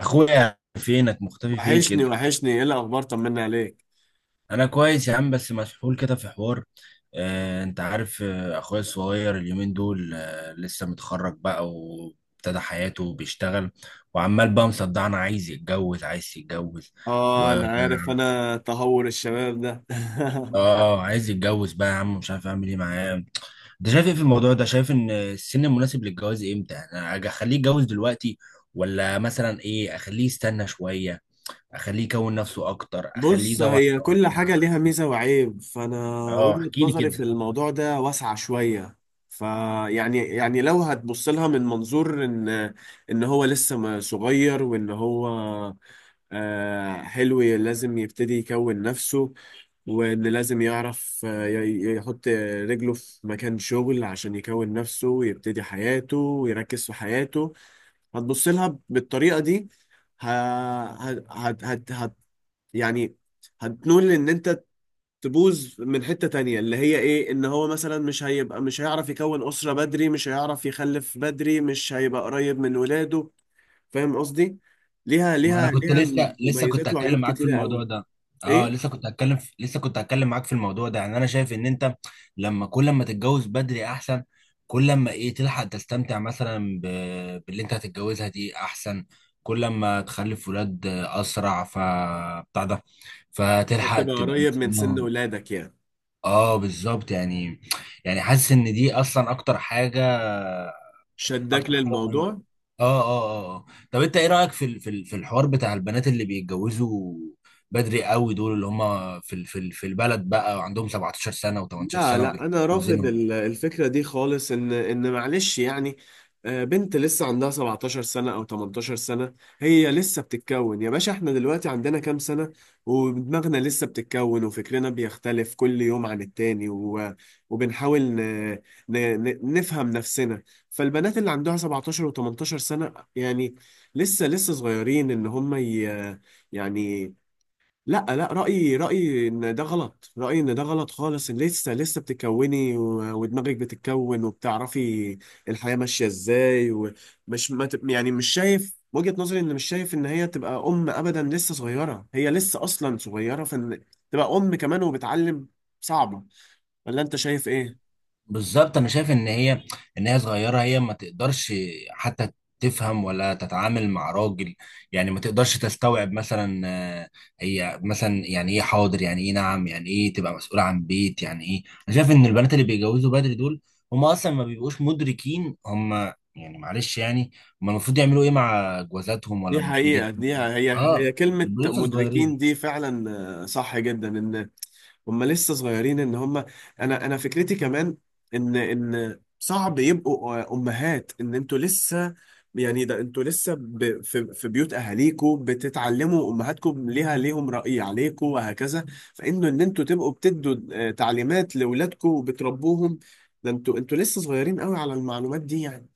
اخويا فينك مختفي فين وحشني كده. وحشني، ايه الاخبار؟ طمنا عليك. انا كويس يا عم، بس مسحول كده في حوار. انت عارف، اخويا الصغير اليومين دول لسه متخرج بقى وابتدى حياته وبيشتغل، وعمال بقى مصدعنا عايز يتجوز عايز يتجوز. و اه اه انا عارف تهور الشباب ده. آه، عايز يتجوز بقى يا عم، مش عارف اعمل ايه معاه. انت شايف ايه في الموضوع ده؟ شايف ان السن المناسب للجواز امتى يعني؟ أنا اخليه يتجوز دلوقتي، ولا مثلا ايه، اخليه يستنى شوية، اخليه يكون نفسه اكتر، اخليه بص، يدور هي على واحده؟ كل حاجة ليها احسن. ميزة وعيب، فانا اه وجهة احكي لي نظري في كده. الموضوع ده واسعة شوية. فيعني يعني يعني لو هتبص لها من منظور ان هو لسه صغير، وان هو حلو، لازم يبتدي يكون نفسه، واللي لازم يعرف يحط رجله في مكان شغل عشان يكون نفسه ويبتدي حياته ويركز في حياته. هتبص لها بالطريقة دي، ه... هت... هت... هت... هت... يعني هتنول ان انت تبوظ من حتة تانية، اللي هي ايه؟ ان هو مثلا مش هيبقى، مش هيعرف يكون أسرة بدري، مش هيعرف يخلف بدري، مش هيبقى قريب من ولاده. فاهم قصدي؟ ما انا كنت ليها لسه كنت مميزات هتكلم وعيوب معاك في كتيرة قوي. الموضوع ده. اه ايه، لسه كنت لسه كنت هتكلم معاك في الموضوع ده. يعني انا شايف ان انت لما كل ما تتجوز بدري احسن، كل ما تلحق تستمتع باللي انت هتتجوزها دي احسن، كل ما تخلف ولاد اسرع، ف بتاع ده فتلحق هتبقى تبقى قريب من سن مستنيهم. ولادك يعني، اه بالظبط يعني. يعني حاسس ان دي اصلا اكتر حاجة، شدك اكتر حاجه مهمه. للموضوع. اه اه اه آه. طب انت ايه رايك في الحوار بتاع البنات اللي بيتجوزوا بدري قوي دول، اللي هم في البلد بقى، وعندهم 17 سنه و18 لا سنه لا، انا رافض وبيتجوزينهم؟ الفكره دي خالص، ان معلش يعني، بنت لسه عندها 17 سنه او 18 سنه، هي لسه بتتكون يا باشا. احنا دلوقتي عندنا كام سنه؟ ودماغنا لسه بتتكون، وفكرنا بيختلف كل يوم عن التاني، وبنحاول ن... نفهم نفسنا. فالبنات اللي عندها 17 و18 سنه، يعني لسه لسه صغيرين، ان هم يعني. لا لا، رأيي إن ده غلط، رأيي إن ده غلط خالص، إن لسه لسه بتكوني ودماغك بتتكون وبتعرفي الحياة ماشية إزاي. ومش ما تب- يعني مش شايف وجهة نظري، إن مش شايف إن هي تبقى أم أبدا، لسه صغيرة، هي لسه أصلا صغيرة، فإن تبقى أم كمان وبتعلم صعبة. ولا أنت شايف إيه؟ بالظبط، انا شايف ان هي، ان هي صغيره، هي ما تقدرش حتى تفهم ولا تتعامل مع راجل. يعني ما تقدرش تستوعب مثلا، آه، هي مثلا يعني ايه حاضر، يعني ايه نعم، يعني ايه تبقى مسؤول عن بيت. يعني ايه، انا شايف ان البنات اللي بيتجوزوا بدري دول هم اصلا ما بيبقوش مدركين هم يعني، معلش يعني، هم المفروض يعملوا ايه مع جوازاتهم، ولا دي المفروض حقيقة، يعملوا دي إيه؟ هي اه كلمة بيبقوا لسه مدركين صغيرين. دي فعلا. صح جدا، هم لسه صغيرين ان هم. انا فكرتي كمان ان صعب يبقوا امهات، ان انتوا لسه يعني، ده انتوا لسه في بيوت اهاليكم بتتعلموا، امهاتكم ليها ليهم رأي عليكم وهكذا. فانه ان انتوا تبقوا بتدوا تعليمات لاولادكم وبتربوهم، ده انتوا لسه صغيرين قوي على المعلومات دي يعني.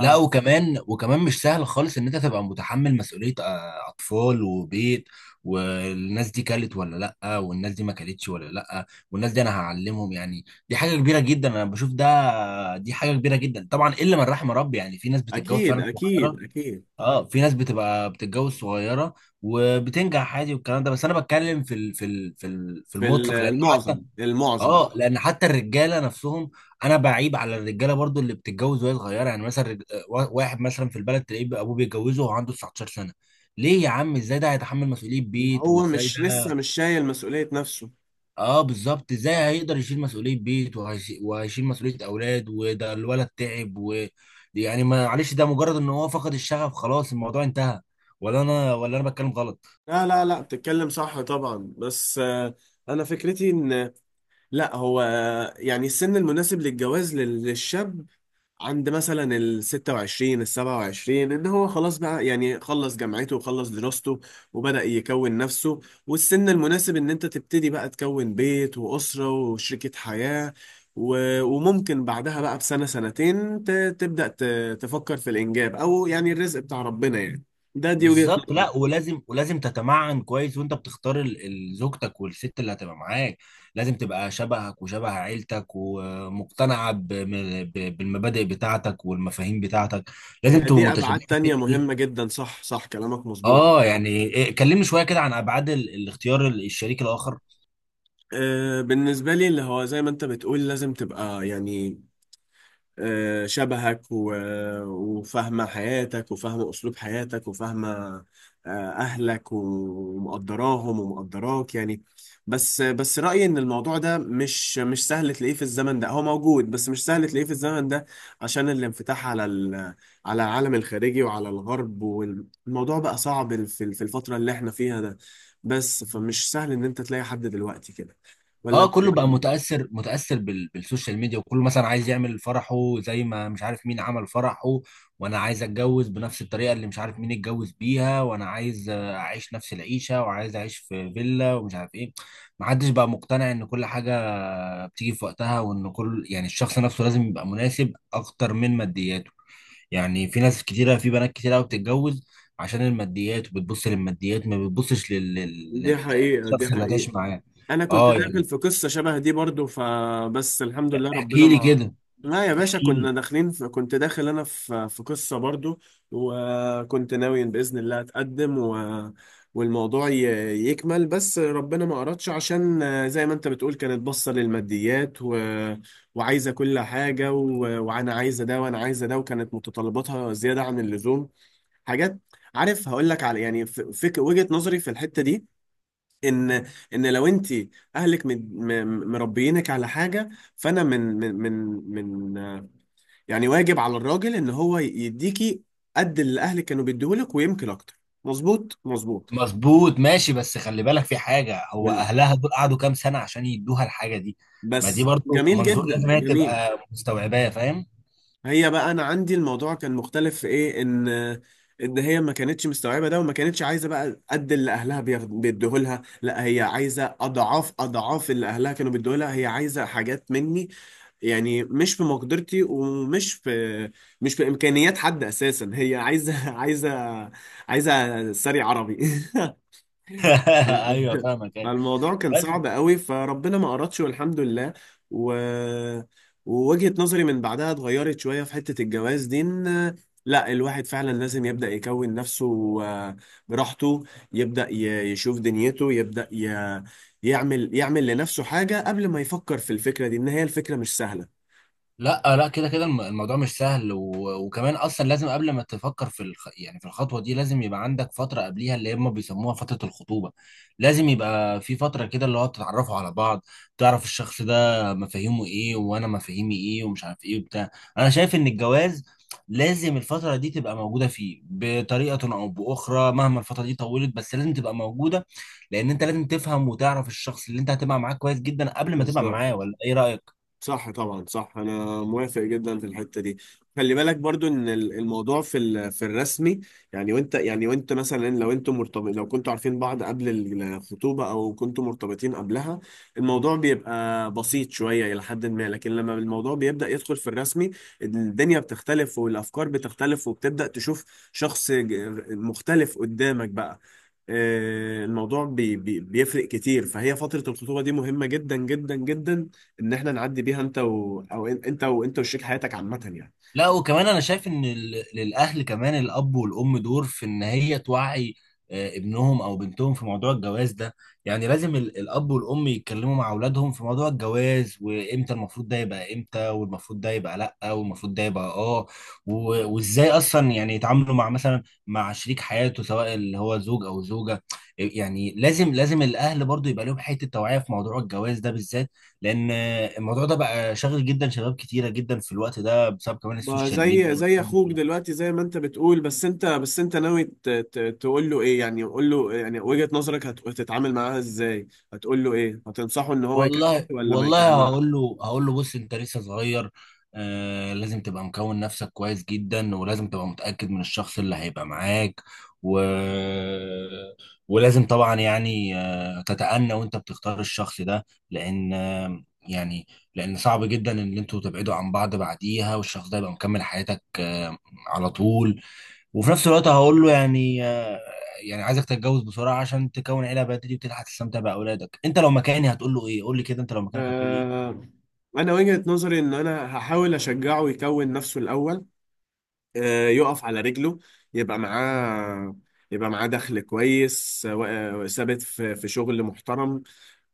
لا، وكمان وكمان مش سهل خالص ان انت تبقى متحمل مسؤولية اطفال وبيت، والناس دي كلت ولا لا، والناس دي ما كلتش ولا لا، والناس دي انا هعلمهم. يعني دي حاجة كبيرة جدا، انا بشوف ده دي حاجة كبيرة جدا، طبعا الا من رحم ربي. يعني في ناس بتتجوز فاكيد فعلا اكيد صغيرة، اكيد، اه في ناس بتبقى بتتجوز صغيرة وبتنجح عادي والكلام ده، بس انا بتكلم في في المطلق، لان المعظم حتى، المعظم. اه لان حتى الرجاله نفسهم، انا بعيب على الرجاله برضو اللي بتتجوز وهي صغيره. يعني مثلا واحد مثلا في البلد تلاقيه بقى ابوه بيتجوزه وهو عنده 19 سنه. ليه يا عم؟ ازاي ده هيتحمل مسؤوليه بيت، هو وازاي ده مش لسه مش شايل مسؤولية نفسه. اه بالظبط، ازاي هيقدر يشيل مسؤوليه بيت وهيشيل مسؤوليه اولاد، وده الولد تعب و يعني معلش، ده مجرد ان هو فقد الشغف خلاص الموضوع انتهى. ولا انا بتكلم غلط؟ لا لا لا، بتتكلم صح طبعا، بس انا فكرتي ان لا هو يعني السن المناسب للجواز للشاب عند مثلا ال 26 ال 27، ان هو خلاص بقى، يعني خلص جامعته وخلص دراسته وبدأ يكون نفسه. والسن المناسب ان انت تبتدي بقى تكون بيت وأسرة وشريكة حياة، وممكن بعدها بقى بسنة سنتين تبدأ تفكر في الإنجاب، أو يعني الرزق بتاع ربنا يعني. دي وجهة بالظبط، لا نظري. ولازم ولازم تتمعن كويس وانت بتختار زوجتك والست اللي هتبقى معاك. لازم تبقى شبهك وشبه عيلتك ومقتنعه بالمبادئ بتاعتك والمفاهيم بتاعتك، لازم هي تبقوا دي متشابهين أبعاد في تانية الحته دي. مهمة جدا، صح صح، كلامك مظبوط. اه يعني إيه، كلمني شويه كده عن ابعاد الاختيار الشريك الاخر. بالنسبة لي، اللي هو زي ما انت بتقول، لازم تبقى يعني شبهك وفاهمة حياتك وفاهمة أسلوب حياتك وفاهمة أهلك ومقدراهم ومقدراك يعني. بس رأيي إن الموضوع ده مش سهل تلاقيه في الزمن ده، هو موجود بس مش سهل تلاقيه في الزمن ده، عشان الانفتاح على على العالم الخارجي وعلى الغرب، والموضوع بقى صعب في الفترة اللي احنا فيها ده، بس فمش سهل إن أنت تلاقي حد دلوقتي كده. ولا اه أنت كله بقى إيه؟ متأثر بالسوشيال ميديا، وكله مثلا عايز يعمل فرحه زي ما مش عارف مين عمل فرحه، وانا عايز اتجوز بنفس الطريقة اللي مش عارف مين اتجوز بيها، وانا عايز اعيش نفس العيشة، وعايز اعيش في فيلا ومش عارف ايه. محدش بقى مقتنع ان كل حاجة بتيجي في وقتها، وان كل يعني الشخص نفسه لازم يبقى مناسب اكتر من مادياته. يعني في ناس كتيرة في بنات كتيرة قوي بتتجوز عشان الماديات، وبتبص للماديات ما دي حقيقة دي للشخص اللي هتعيش حقيقة. معاه. انا كنت اه داخل يعني في قصه شبه دي برضو، فبس الحمد لله ربنا احكي لي ما... كده، لا يا باشا، احكي كنا لي. داخلين في... كنت داخل انا في قصه برضو، وكنت ناوي باذن الله اتقدم و... والموضوع يكمل، بس ربنا ما اردش، عشان زي ما انت بتقول، كانت باصه للماديات و... وعايزه كل حاجه و... وانا عايزه ده وانا عايزه ده، وكانت متطلباتها زياده عن اللزوم، حاجات. عارف هقول لك على يعني وجهه نظري في الحته دي، ان لو انت اهلك مربيينك على حاجه، فانا من يعني واجب على الراجل ان هو يديكي قد اللي اهلك كانوا بيديهولك، ويمكن اكتر. مظبوط مظبوط. مظبوط ماشي، بس خلي بالك في حاجة، هو وال- أهلها دول قعدوا كام سنة عشان يدوها الحاجة دي؟ ما دي بس برضو جميل منظور جدا لازم هي جميل. تبقى مستوعباه، فاهم؟ هي بقى انا عندي الموضوع كان مختلف في ايه؟ ان هي ما كانتش مستوعبه ده، وما كانتش عايزه بقى قد اللي اهلها بيدوه لها، لا هي عايزه اضعاف اضعاف اللي اهلها كانوا بيدوه لها، هي عايزه حاجات مني يعني مش في مقدرتي ومش في مش في امكانيات حد اساسا. هي عايزه عايزه ساري عربي أيوه فاهمك، أيوه. فالموضوع كان بس صعب قوي، فربنا ما أردش والحمد لله. و... ووجهة نظري من بعدها اتغيرت شوية في حتة الجواز دي، إن لا الواحد فعلا لازم يبدأ يكون نفسه آه، براحته، يبدأ يشوف دنيته، يبدأ يعمل لنفسه حاجة قبل ما يفكر في الفكرة دي، إن هي الفكرة مش سهلة. لا لا، كده كده الموضوع مش سهل، و... وكمان اصلا لازم قبل ما تفكر في يعني في الخطوه دي لازم يبقى عندك فتره قبليها اللي هم بيسموها فتره الخطوبه. لازم يبقى في فتره كده اللي هو تتعرفوا على بعض، تعرف الشخص ده مفاهيمه ايه وانا مفاهيمي ايه، ومش عارف ايه وبتاع. انا شايف ان الجواز لازم الفتره دي تبقى موجوده فيه بطريقه او باخرى، مهما الفتره دي طولت بس لازم تبقى موجوده، لان انت لازم تفهم وتعرف الشخص اللي انت هتبقى معاه كويس جدا قبل ما تبقى بالظبط. معاه. ولا ايه رايك؟ صح طبعا صح، انا موافق جدا في الحته دي. خلي بالك برضو ان الموضوع في في الرسمي، يعني وانت مثلا لو انتوا مرتبط، لو كنتوا عارفين بعض قبل الخطوبه او كنتوا مرتبطين قبلها، الموضوع بيبقى بسيط شويه الى حد ما، لكن لما الموضوع بيبدا يدخل في الرسمي، الدنيا بتختلف والافكار بتختلف وبتبدا تشوف شخص مختلف قدامك بقى. الموضوع بي بي بيفرق كتير، فهي فتره الخطوبه دي مهمه جدا جدا جدا، ان احنا نعدي بيها انت و... او انت وشريك حياتك عامه يعني. لا وكمان انا شايف ان للاهل كمان الاب والام دور في ان هي توعي ابنهم او بنتهم في موضوع الجواز ده. يعني لازم الاب والام يتكلموا مع اولادهم في موضوع الجواز، وامتى المفروض ده يبقى امتى، والمفروض ده يبقى لا، والمفروض ده يبقى اه، وازاي اصلا يعني يتعاملوا مع مثلا مع شريك حياته سواء اللي هو زوج او زوجة. يعني لازم لازم الاهل برضو يبقى لهم حتة توعية في موضوع الجواز ده بالذات، لان الموضوع ده بقى شاغل جدا شباب كتيره جدا في الوقت ده بسبب كمان ما السوشيال ميديا زي والحاجات دي اخوك كلها. دلوقتي، زي ما انت بتقول، بس انت ناوي تقول له ايه؟ يعني قول له يعني وجهة نظرك، هتتعامل معاها ازاي؟ هتقول له ايه؟ هتنصحه ان هو يكمل والله ولا ما والله، يكملش؟ هقول له هقول له: بص انت لسه صغير، آه لازم تبقى مكون نفسك كويس جدا، ولازم تبقى متاكد من الشخص اللي هيبقى معاك، و... ولازم طبعا يعني تتأنى وانت بتختار الشخص ده، لان يعني، لان صعب جدا ان انتوا تبعدوا عن بعض بعديها، والشخص ده يبقى مكمل حياتك على طول. وفي نفس الوقت هقول له يعني يعني عايزك تتجوز بسرعه عشان تكون عيله بدري وتلحق تستمتع باولادك. انت لو مكاني هتقول له ايه؟ قول لي كده، انت لو مكانك هتقول لي ايه؟ آه... انا وجهة نظري ان انا هحاول اشجعه يكون نفسه الاول، يقف على رجله، يبقى معاه يبقى معاه دخل كويس ثابت في شغل محترم،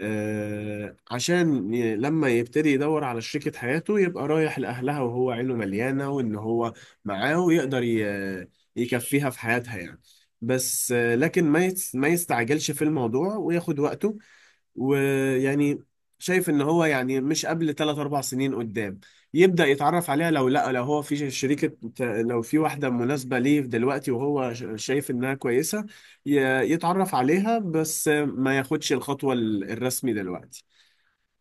عشان لما يبتدي يدور على شريكة حياته يبقى رايح لأهلها وهو عينه مليانة، وإن هو معاه ويقدر يكفيها في حياتها يعني. بس لكن ما ما يستعجلش في الموضوع وياخد وقته ويعني. شايف ان هو يعني مش قبل 3 4 سنين قدام يبدأ يتعرف عليها، لو لا، لو هو في شريكة، لو في واحدة مناسبة ليه دلوقتي وهو شايف انها كويسة، يتعرف عليها بس ما ياخدش الخطوة الرسمي دلوقتي.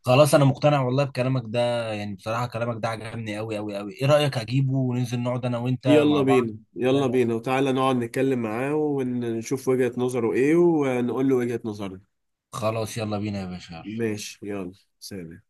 خلاص انا مقتنع والله بكلامك ده، يعني بصراحه كلامك ده عجبني قوي قوي قوي. ايه رايك اجيبه وننزل نقعد انا وانت يلا مع بعض؟ بينا يلا بينا، وتعالى نقعد نتكلم معاه ونشوف وجهة نظره ايه، ونقول له وجهة نظرنا. خلاص يلا بينا يا باشا. ماشي، يلا، سلام.